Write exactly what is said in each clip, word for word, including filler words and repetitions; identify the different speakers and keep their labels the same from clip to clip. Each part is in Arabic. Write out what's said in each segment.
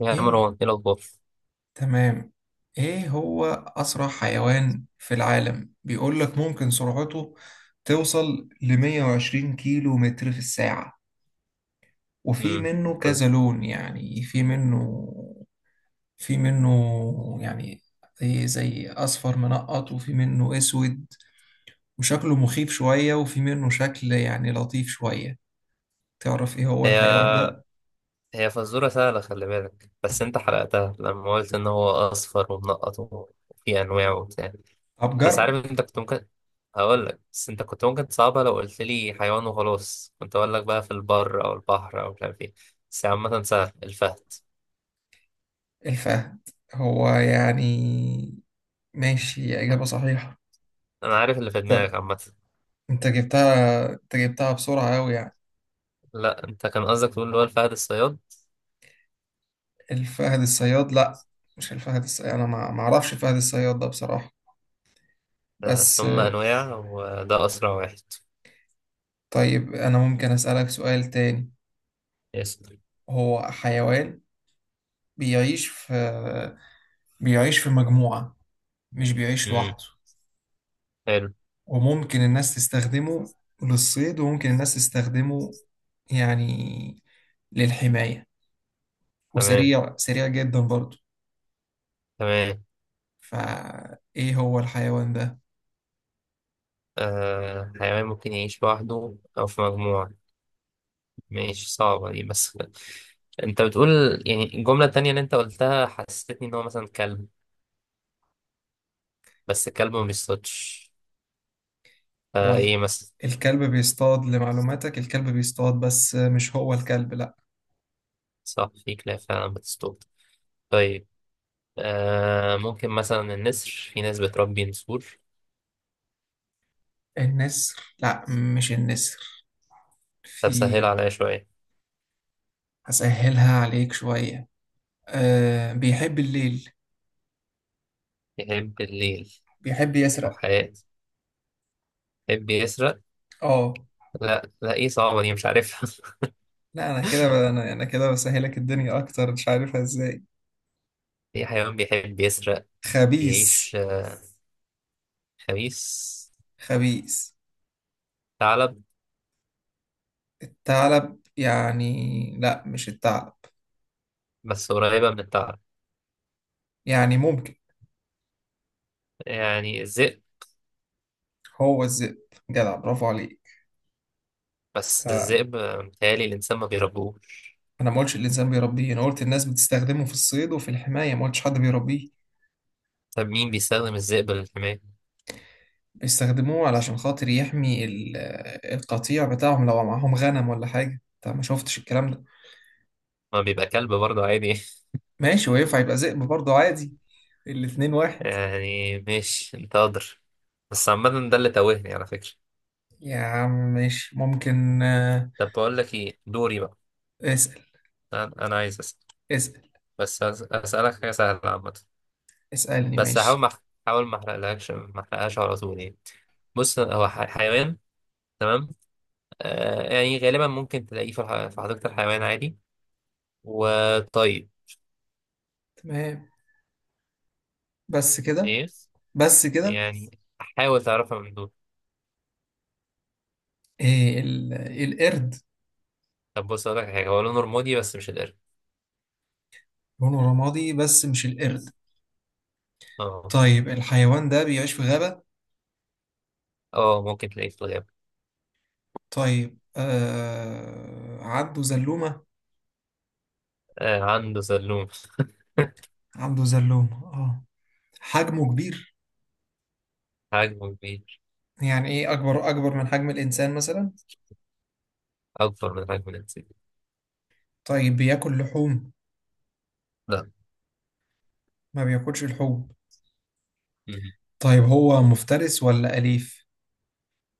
Speaker 1: يا
Speaker 2: ايه.
Speaker 1: مروان، ايه الاخبار؟
Speaker 2: تمام. ايه هو اسرع حيوان في العالم؟ بيقول لك ممكن سرعته توصل ل مية وعشرين كيلو متر في الساعة. وفي
Speaker 1: امم.
Speaker 2: منه كذا لون، يعني في منه في منه يعني زي زي اصفر منقط، وفي منه اسود وشكله مخيف شوية، وفي منه شكل يعني لطيف شوية. تعرف ايه هو الحيوان
Speaker 1: هي
Speaker 2: ده؟
Speaker 1: هي فزوره سهله، خلي بالك بس انت حرقتها لما قلت ان هو اصفر ومنقط وفي انواع وبتاع.
Speaker 2: ابجر.
Speaker 1: بس عارف انت كنت ممكن هقول لك، بس انت كنت ممكن تصعبها لو قلت لي حيوان وخلاص، كنت اقول لك بقى في البر او البحر او مش عارف ايه. بس عامه سهل الفهد.
Speaker 2: الفهد. هو يعني ماشي، إجابة صحيحة.
Speaker 1: انا عارف اللي في دماغك عامه.
Speaker 2: انت جبتها انت جبتها بسرعة أوي يعني.
Speaker 1: لا، انت كان قصدك تقول اللي هو الفهد الصياد.
Speaker 2: الفهد الصياد؟ لا، مش الفهد الصياد، انا ما ما اعرفش الفهد الصياد ده بصراحة،
Speaker 1: آه،
Speaker 2: بس
Speaker 1: ثم
Speaker 2: آه،
Speaker 1: انواع وده اسرع واحد.
Speaker 2: طيب انا ممكن أسألك سؤال تاني؟
Speaker 1: يس.
Speaker 2: هو حيوان بيعيش في بيعيش في مجموعة، مش بيعيش
Speaker 1: امم.
Speaker 2: لوحده،
Speaker 1: حلو.
Speaker 2: وممكن الناس تستخدمه للصيد، وممكن الناس تستخدمه يعني للحماية،
Speaker 1: تمام،
Speaker 2: وسريع سريع جدا برضه.
Speaker 1: تمام.
Speaker 2: فايه هو الحيوان ده؟
Speaker 1: آه حيوان ممكن يعيش لوحده أو في مجموعة. ماشي، صعبة دي بس أنت بتقول، يعني الجملة التانية اللي أنت قلتها حسستني إن هو مثلا كلب. بس الكلب ما بيصطادش،
Speaker 2: هو ال-
Speaker 1: فإيه مثلا؟
Speaker 2: الكلب بيصطاد لمعلوماتك، الكلب بيصطاد بس مش هو الكلب، لا.
Speaker 1: صح، في كلاب فعلا بتصطاد. طيب. آه ممكن مثلا النسر، في ناس بتربي نسور.
Speaker 2: النسر؟ لا، مش النسر.
Speaker 1: طب
Speaker 2: في.
Speaker 1: سهل عليا شوية.
Speaker 2: هسهلها عليك شوية. أه، بيحب الليل،
Speaker 1: يحب الليل.
Speaker 2: بيحب يسرق.
Speaker 1: وحياة. يحب يسرق.
Speaker 2: اه.
Speaker 1: لا لا، إيه صعبة دي، مش عارفها
Speaker 2: لا، انا كده ب- انا انا كده بسهلك الدنيا اكتر، مش عارفها ازاي.
Speaker 1: في حيوان بيحب يسرق.
Speaker 2: خبيث.
Speaker 1: بيعيش آه، خبيث.
Speaker 2: خبيث.
Speaker 1: ثعلب.
Speaker 2: الثعلب؟ يعني لا، مش الثعلب.
Speaker 1: بس قريبة من الثعلب.
Speaker 2: يعني ممكن.
Speaker 1: يعني الذئب.
Speaker 2: هو الذئب. جدع، برافو عليك.
Speaker 1: بس الذئب آه، متهيألي الإنسان ما بيربوش.
Speaker 2: انا ما قلتش الانسان بيربيه، انا قلت الناس بتستخدمه في الصيد وفي الحمايه، ما قلتش حد بيربيه.
Speaker 1: طب مين بيستخدم الذئب للحماية؟
Speaker 2: بيستخدموه علشان خاطر يحمي ال- آه، القطيع بتاعهم لو معاهم غنم ولا حاجه، طب ما شفتش الكلام ده.
Speaker 1: ما بيبقى كلب برضه عادي
Speaker 2: ماشي، وينفع يبقى ذئب برضه عادي. الاتنين واحد.
Speaker 1: يعني ماشي، أنت أدر. بس عامة ده اللي توهني على فكرة.
Speaker 2: يا عم ماشي، ممكن آه،
Speaker 1: طب بقول لك إيه دوري بقى.
Speaker 2: اسأل.
Speaker 1: أنا أنا عايز أسأل.
Speaker 2: اسأل.
Speaker 1: بس أس- أسألك حاجة سهلة عامة.
Speaker 2: اسألني،
Speaker 1: بس هحاول
Speaker 2: ماشي.
Speaker 1: ما حاول ما أحرقلكش، ما أحرقهاش على طول يعني. بص هو ح- حيوان. تمام. آه يعني غالبا ممكن تلاقيه في الح- في حديقة الحيوان عادي. وطيب.
Speaker 2: تمام، بس كده،
Speaker 1: إيه؟
Speaker 2: بس كده.
Speaker 1: يعني حاول تعرفها من دول.
Speaker 2: إيه ال- القرد.
Speaker 1: طب بص أقول لك حاجة، هو لونه رمادي بس مش القرد.
Speaker 2: لونه رمادي بس مش القرد.
Speaker 1: اه.
Speaker 2: طيب، الحيوان ده بيعيش في غابة؟
Speaker 1: اه ممكن تلاقيه في الغابة.
Speaker 2: طيب، آه، عنده زلومة.
Speaker 1: آه عنده سلوم.
Speaker 2: عنده زلومة، اه. حجمه كبير،
Speaker 1: حجمه كبير.
Speaker 2: يعني ايه، اكبر اكبر من حجم الانسان مثلا.
Speaker 1: أكبر من حجم الإنسان.
Speaker 2: طيب بياكل لحوم.
Speaker 1: لا.
Speaker 2: ما بياكلش لحوم.
Speaker 1: مهم.
Speaker 2: طيب هو مفترس ولا أليف؟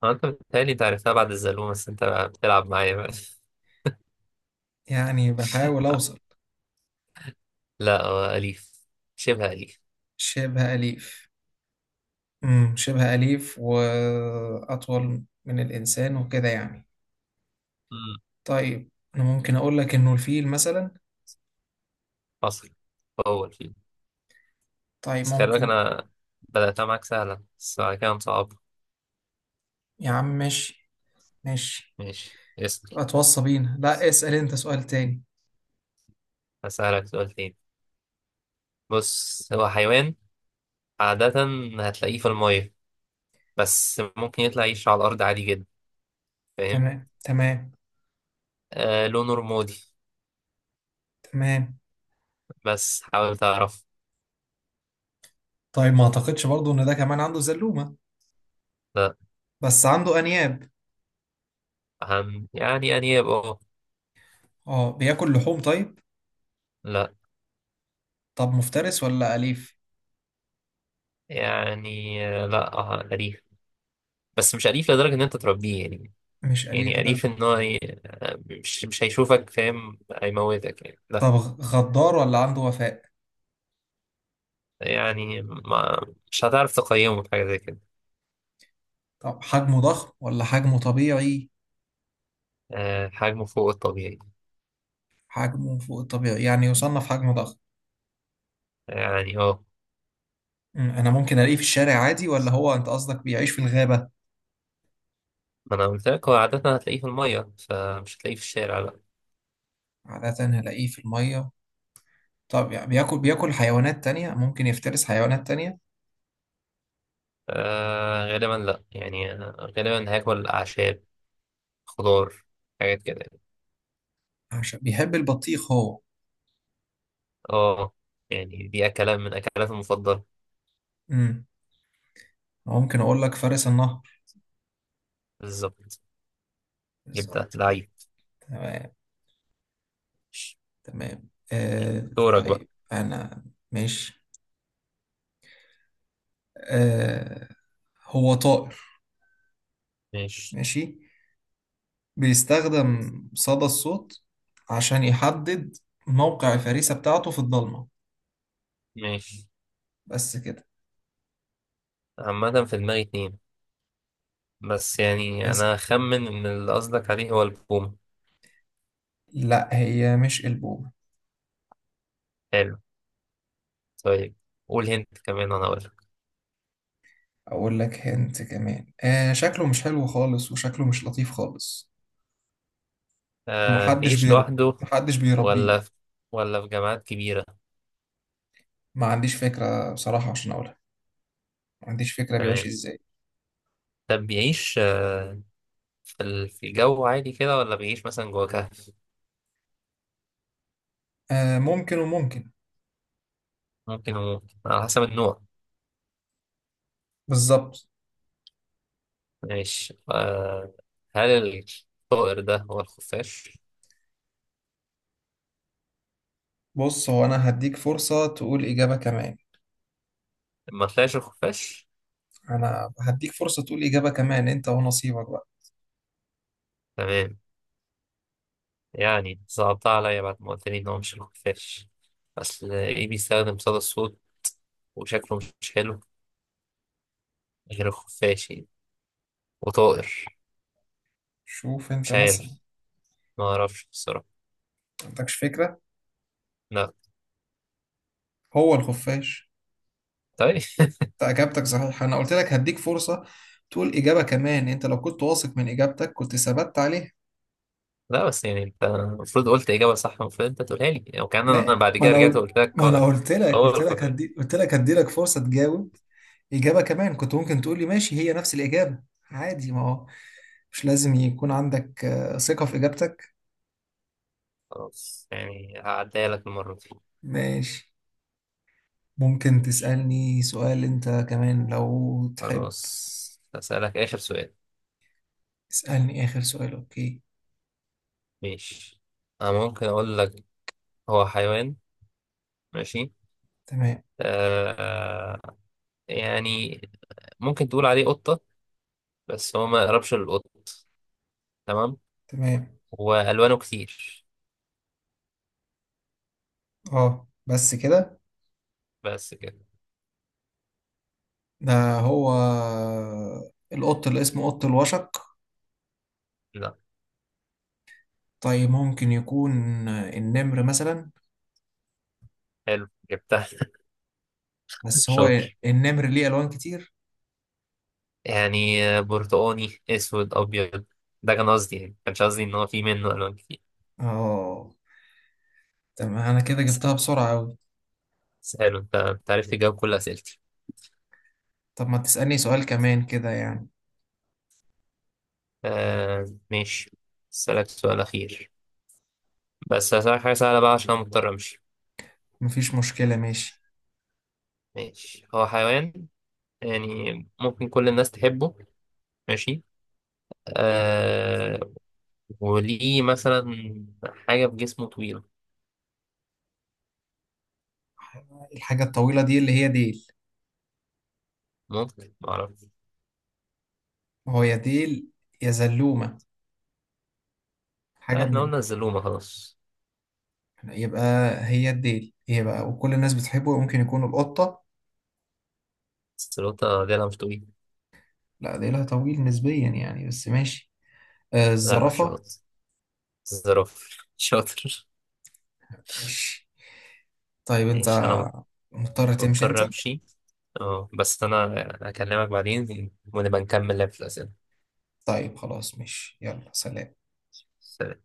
Speaker 1: هو أنت بتهيألي أنت عرفتها بعد الزلوم، بس أنت بتلعب معايا بقى
Speaker 2: يعني بحاول اوصل.
Speaker 1: لا هو أليف. شبه أليف.
Speaker 2: شبه أليف. امم شبه أليف، واطول من الانسان وكده يعني.
Speaker 1: مم.
Speaker 2: طيب انا ممكن اقول لك انه الفيل مثلا.
Speaker 1: حصل. هو الفيل.
Speaker 2: طيب
Speaker 1: بس خلي بالك،
Speaker 2: ممكن.
Speaker 1: أنا بدأتها معاك سهلة بس بعد كده صعب.
Speaker 2: يا عم ماشي، ماشي.
Speaker 1: ماشي اسأل.
Speaker 2: اتوصى بينا، لا اسأل انت سؤال تاني.
Speaker 1: هسألك سؤال تاني. بص هو حيوان، عادة هتلاقيه في المية، بس ممكن يطلع يعيش على الأرض عادي جدا. فاهم؟
Speaker 2: تمام. تمام.
Speaker 1: آه لونه رمادي،
Speaker 2: تمام،
Speaker 1: بس حاول تعرف.
Speaker 2: طيب ما اعتقدش برضو ان ده كمان عنده زلومة،
Speaker 1: لا.
Speaker 2: بس عنده انياب.
Speaker 1: أهم، يعني أنياب اه.
Speaker 2: اه، بياكل لحوم طيب.
Speaker 1: لا.
Speaker 2: طب مفترس ولا اليف؟
Speaker 1: يعني آه، لا آه، أليف. بس مش أليف لدرجة إن أنت تربيه يعني.
Speaker 2: مش اليف
Speaker 1: يعني
Speaker 2: ده.
Speaker 1: أليف إن هو ي- آه، مش مش هيشوفك فاهم هيموتك يعني لا.
Speaker 2: طب غ- غدار ولا عنده وفاء؟
Speaker 1: يعني ما مش هتعرف تقيمه في حاجة زي كده.
Speaker 2: طب حجمه ضخم ولا حجمه طبيعي؟
Speaker 1: آه حجمه فوق الطبيعي.
Speaker 2: حجمه فوق الطبيعي، يعني يصنف حجمه ضخم.
Speaker 1: يعني اه.
Speaker 2: أمم، انا ممكن الاقيه في الشارع عادي، ولا هو انت قصدك بيعيش في الغابة؟
Speaker 1: ما أنا قلت لك هو عادة هتلاقيه في المية، فمش هتلاقيه في الشارع لا.
Speaker 2: عادة هلاقيه في المية. طب يعني بياكل، بياكل حيوانات تانية، ممكن يفترس حيوانات تانية.
Speaker 1: آه غالبا لا، يعني آه، غالبا هاكل أعشاب، خضار، حاجات كده يعني.
Speaker 2: عشان بيحب البطيخ هو.
Speaker 1: اه. يعني دي أكلات من أكلاتي المفضلة.
Speaker 2: امم ممكن اقول لك فارس النهر.
Speaker 1: بالظبط. جبتها
Speaker 2: بالظبط كده.
Speaker 1: لعيب.
Speaker 2: تمام. تمام، آه
Speaker 1: دورك بقى.
Speaker 2: طيب أنا. ماشي. آه، هو طائر.
Speaker 1: ماشي.
Speaker 2: ماشي. بيستخدم صدى الصوت عشان يحدد موقع الفريسة بتاعته في الضلمة.
Speaker 1: ماشي.
Speaker 2: بس كده.
Speaker 1: عامة في دماغي اتنين، بس يعني
Speaker 2: اسأل.
Speaker 1: أنا أخمن إن اللي قصدك عليه هو البوم.
Speaker 2: لا، هي مش البومة.
Speaker 1: حلو. طيب. قول هنت كمان وأنا أقولك.
Speaker 2: أقول لك هنت كمان، آه، شكله مش حلو خالص، وشكله مش لطيف خالص،
Speaker 1: آه
Speaker 2: ومحدش
Speaker 1: بيعيش
Speaker 2: بيرب
Speaker 1: لوحده
Speaker 2: محدش بيربيه.
Speaker 1: ولا في، ولا في جامعات كبيرة؟
Speaker 2: ما عنديش فكرة بصراحة عشان أقولها، ما عنديش فكرة بيعيش
Speaker 1: تمام.
Speaker 2: إزاي.
Speaker 1: طب بيعيش، آه، في ال- في الجو عادي كده، ولا بيعيش مثلا جوه؟
Speaker 2: آه، ممكن وممكن.
Speaker 1: ممكن وممكن على حسب النوع.
Speaker 2: بالظبط.
Speaker 1: ماشي آه. هل الطائر ده هو الخفاش؟
Speaker 2: بص، هو انا هديك فرصة تقول اجابة كمان.
Speaker 1: ما طلعش الخفاش؟
Speaker 2: انا هديك فرصة تقول اجابة كمان، انت ونصيبك بقى.
Speaker 1: تمام. يعني صعبتها عليا بعد ما قلت لي إن هو مش الخفاش. أصل إيه، بيستخدم صدى الصوت وشكله مش حلو، غير الخفاش يعني، وطائر.
Speaker 2: شوف انت
Speaker 1: مش
Speaker 2: مثلا.
Speaker 1: عارف، ما أعرفش بصراحة.
Speaker 2: ما عندكش فكرة.
Speaker 1: لا.
Speaker 2: هو الخفاش.
Speaker 1: طيب.
Speaker 2: انت اجابتك صحيحة، انا قلت لك هديك فرصة تقول اجابة كمان، انت لو كنت واثق من اجابتك كنت ثبت عليها.
Speaker 1: لا بس يعني أنت المفروض قلت إجابة صح، المفروض أنت تقولها لي يعني، وكأن أنا
Speaker 2: ما
Speaker 1: بعد
Speaker 2: ما
Speaker 1: كده
Speaker 2: انا
Speaker 1: رجعت
Speaker 2: قلت
Speaker 1: وقلت لك
Speaker 2: ما انا قلت لك
Speaker 1: هو
Speaker 2: قلت لك
Speaker 1: الخفاش.
Speaker 2: هدي قلت لك هدي لك فرصة تجاوب. اجابة كمان، كنت ممكن تقول لي ماشي هي نفس الاجابة، عادي. ما هو مش لازم يكون عندك آه، ثقة في اجابتك.
Speaker 1: خلاص يعني هعديها لك المرة
Speaker 2: ماشي. ممكن
Speaker 1: دي.
Speaker 2: تسألني سؤال أنت كمان لو تحب.
Speaker 1: خلاص هسألك آخر سؤال.
Speaker 2: اسألني آخر سؤال، أوكي.
Speaker 1: ماشي. أنا ممكن أقول لك، هو حيوان. ماشي.
Speaker 2: تمام.
Speaker 1: آه يعني ممكن تقول عليه قطة، بس هو ما يقربش للقط. تمام.
Speaker 2: تمام.
Speaker 1: وألوانه كتير.
Speaker 2: أه، بس كده.
Speaker 1: بس كده.
Speaker 2: ده هو القط اللي اسمه قط الوشق؟
Speaker 1: لا.
Speaker 2: طيب ممكن يكون النمر مثلا.
Speaker 1: حلو جبتها
Speaker 2: بس هو.
Speaker 1: شاطر.
Speaker 2: النمر ليه ألوان كتير.
Speaker 1: يعني آه، برتقاني أسود أبيض. ده كان قصدي، يعني ما كانش قصدي إن هو في منه ألوان كتير.
Speaker 2: أه، تمام، أنا كده
Speaker 1: س-
Speaker 2: جبتها بسرعة أوي.
Speaker 1: سهل، أنت أنت عرفت تجاوب كل أسئلتي.
Speaker 2: طب ما تسألني سؤال كمان كده يعني.
Speaker 1: آه ماشي. أسألك سؤال أخير، بس هسألك حاجة سهلة بقى عشان أنا مضطر أمشي.
Speaker 2: مفيش مشكلة، ماشي.
Speaker 1: ماشي، هو حيوان يعني ممكن كل الناس تحبه. ماشي. آه وليه مثلا حاجة في جسمه طويلة.
Speaker 2: الحاجة الطويلة دي اللي هي ديل.
Speaker 1: ممكن معرفش.
Speaker 2: هو يا ديل، يا زلومة،
Speaker 1: لا،
Speaker 2: حاجة
Speaker 1: احنا
Speaker 2: من.
Speaker 1: قلنا الزلومة خلاص.
Speaker 2: يبقى هي الديل هي بقى، وكل الناس بتحبه، ممكن يكون القطة.
Speaker 1: الزلوطة دي أنا مش طويل.
Speaker 2: لا، ديلها طويل نسبيا يعني، بس ماشي. آه،
Speaker 1: لا، مش
Speaker 2: الزرافة.
Speaker 1: شاطر. الزرافة شاطر.
Speaker 2: ماشي. طيب انت
Speaker 1: ماشي أنا
Speaker 2: مضطر تمشي انت.
Speaker 1: مضطر أمشي. اه بس أنا أكلمك بعدين ونبقى نكمل لعب في
Speaker 2: طيب خلاص ماشي، يلا سلام.
Speaker 1: الأسئلة.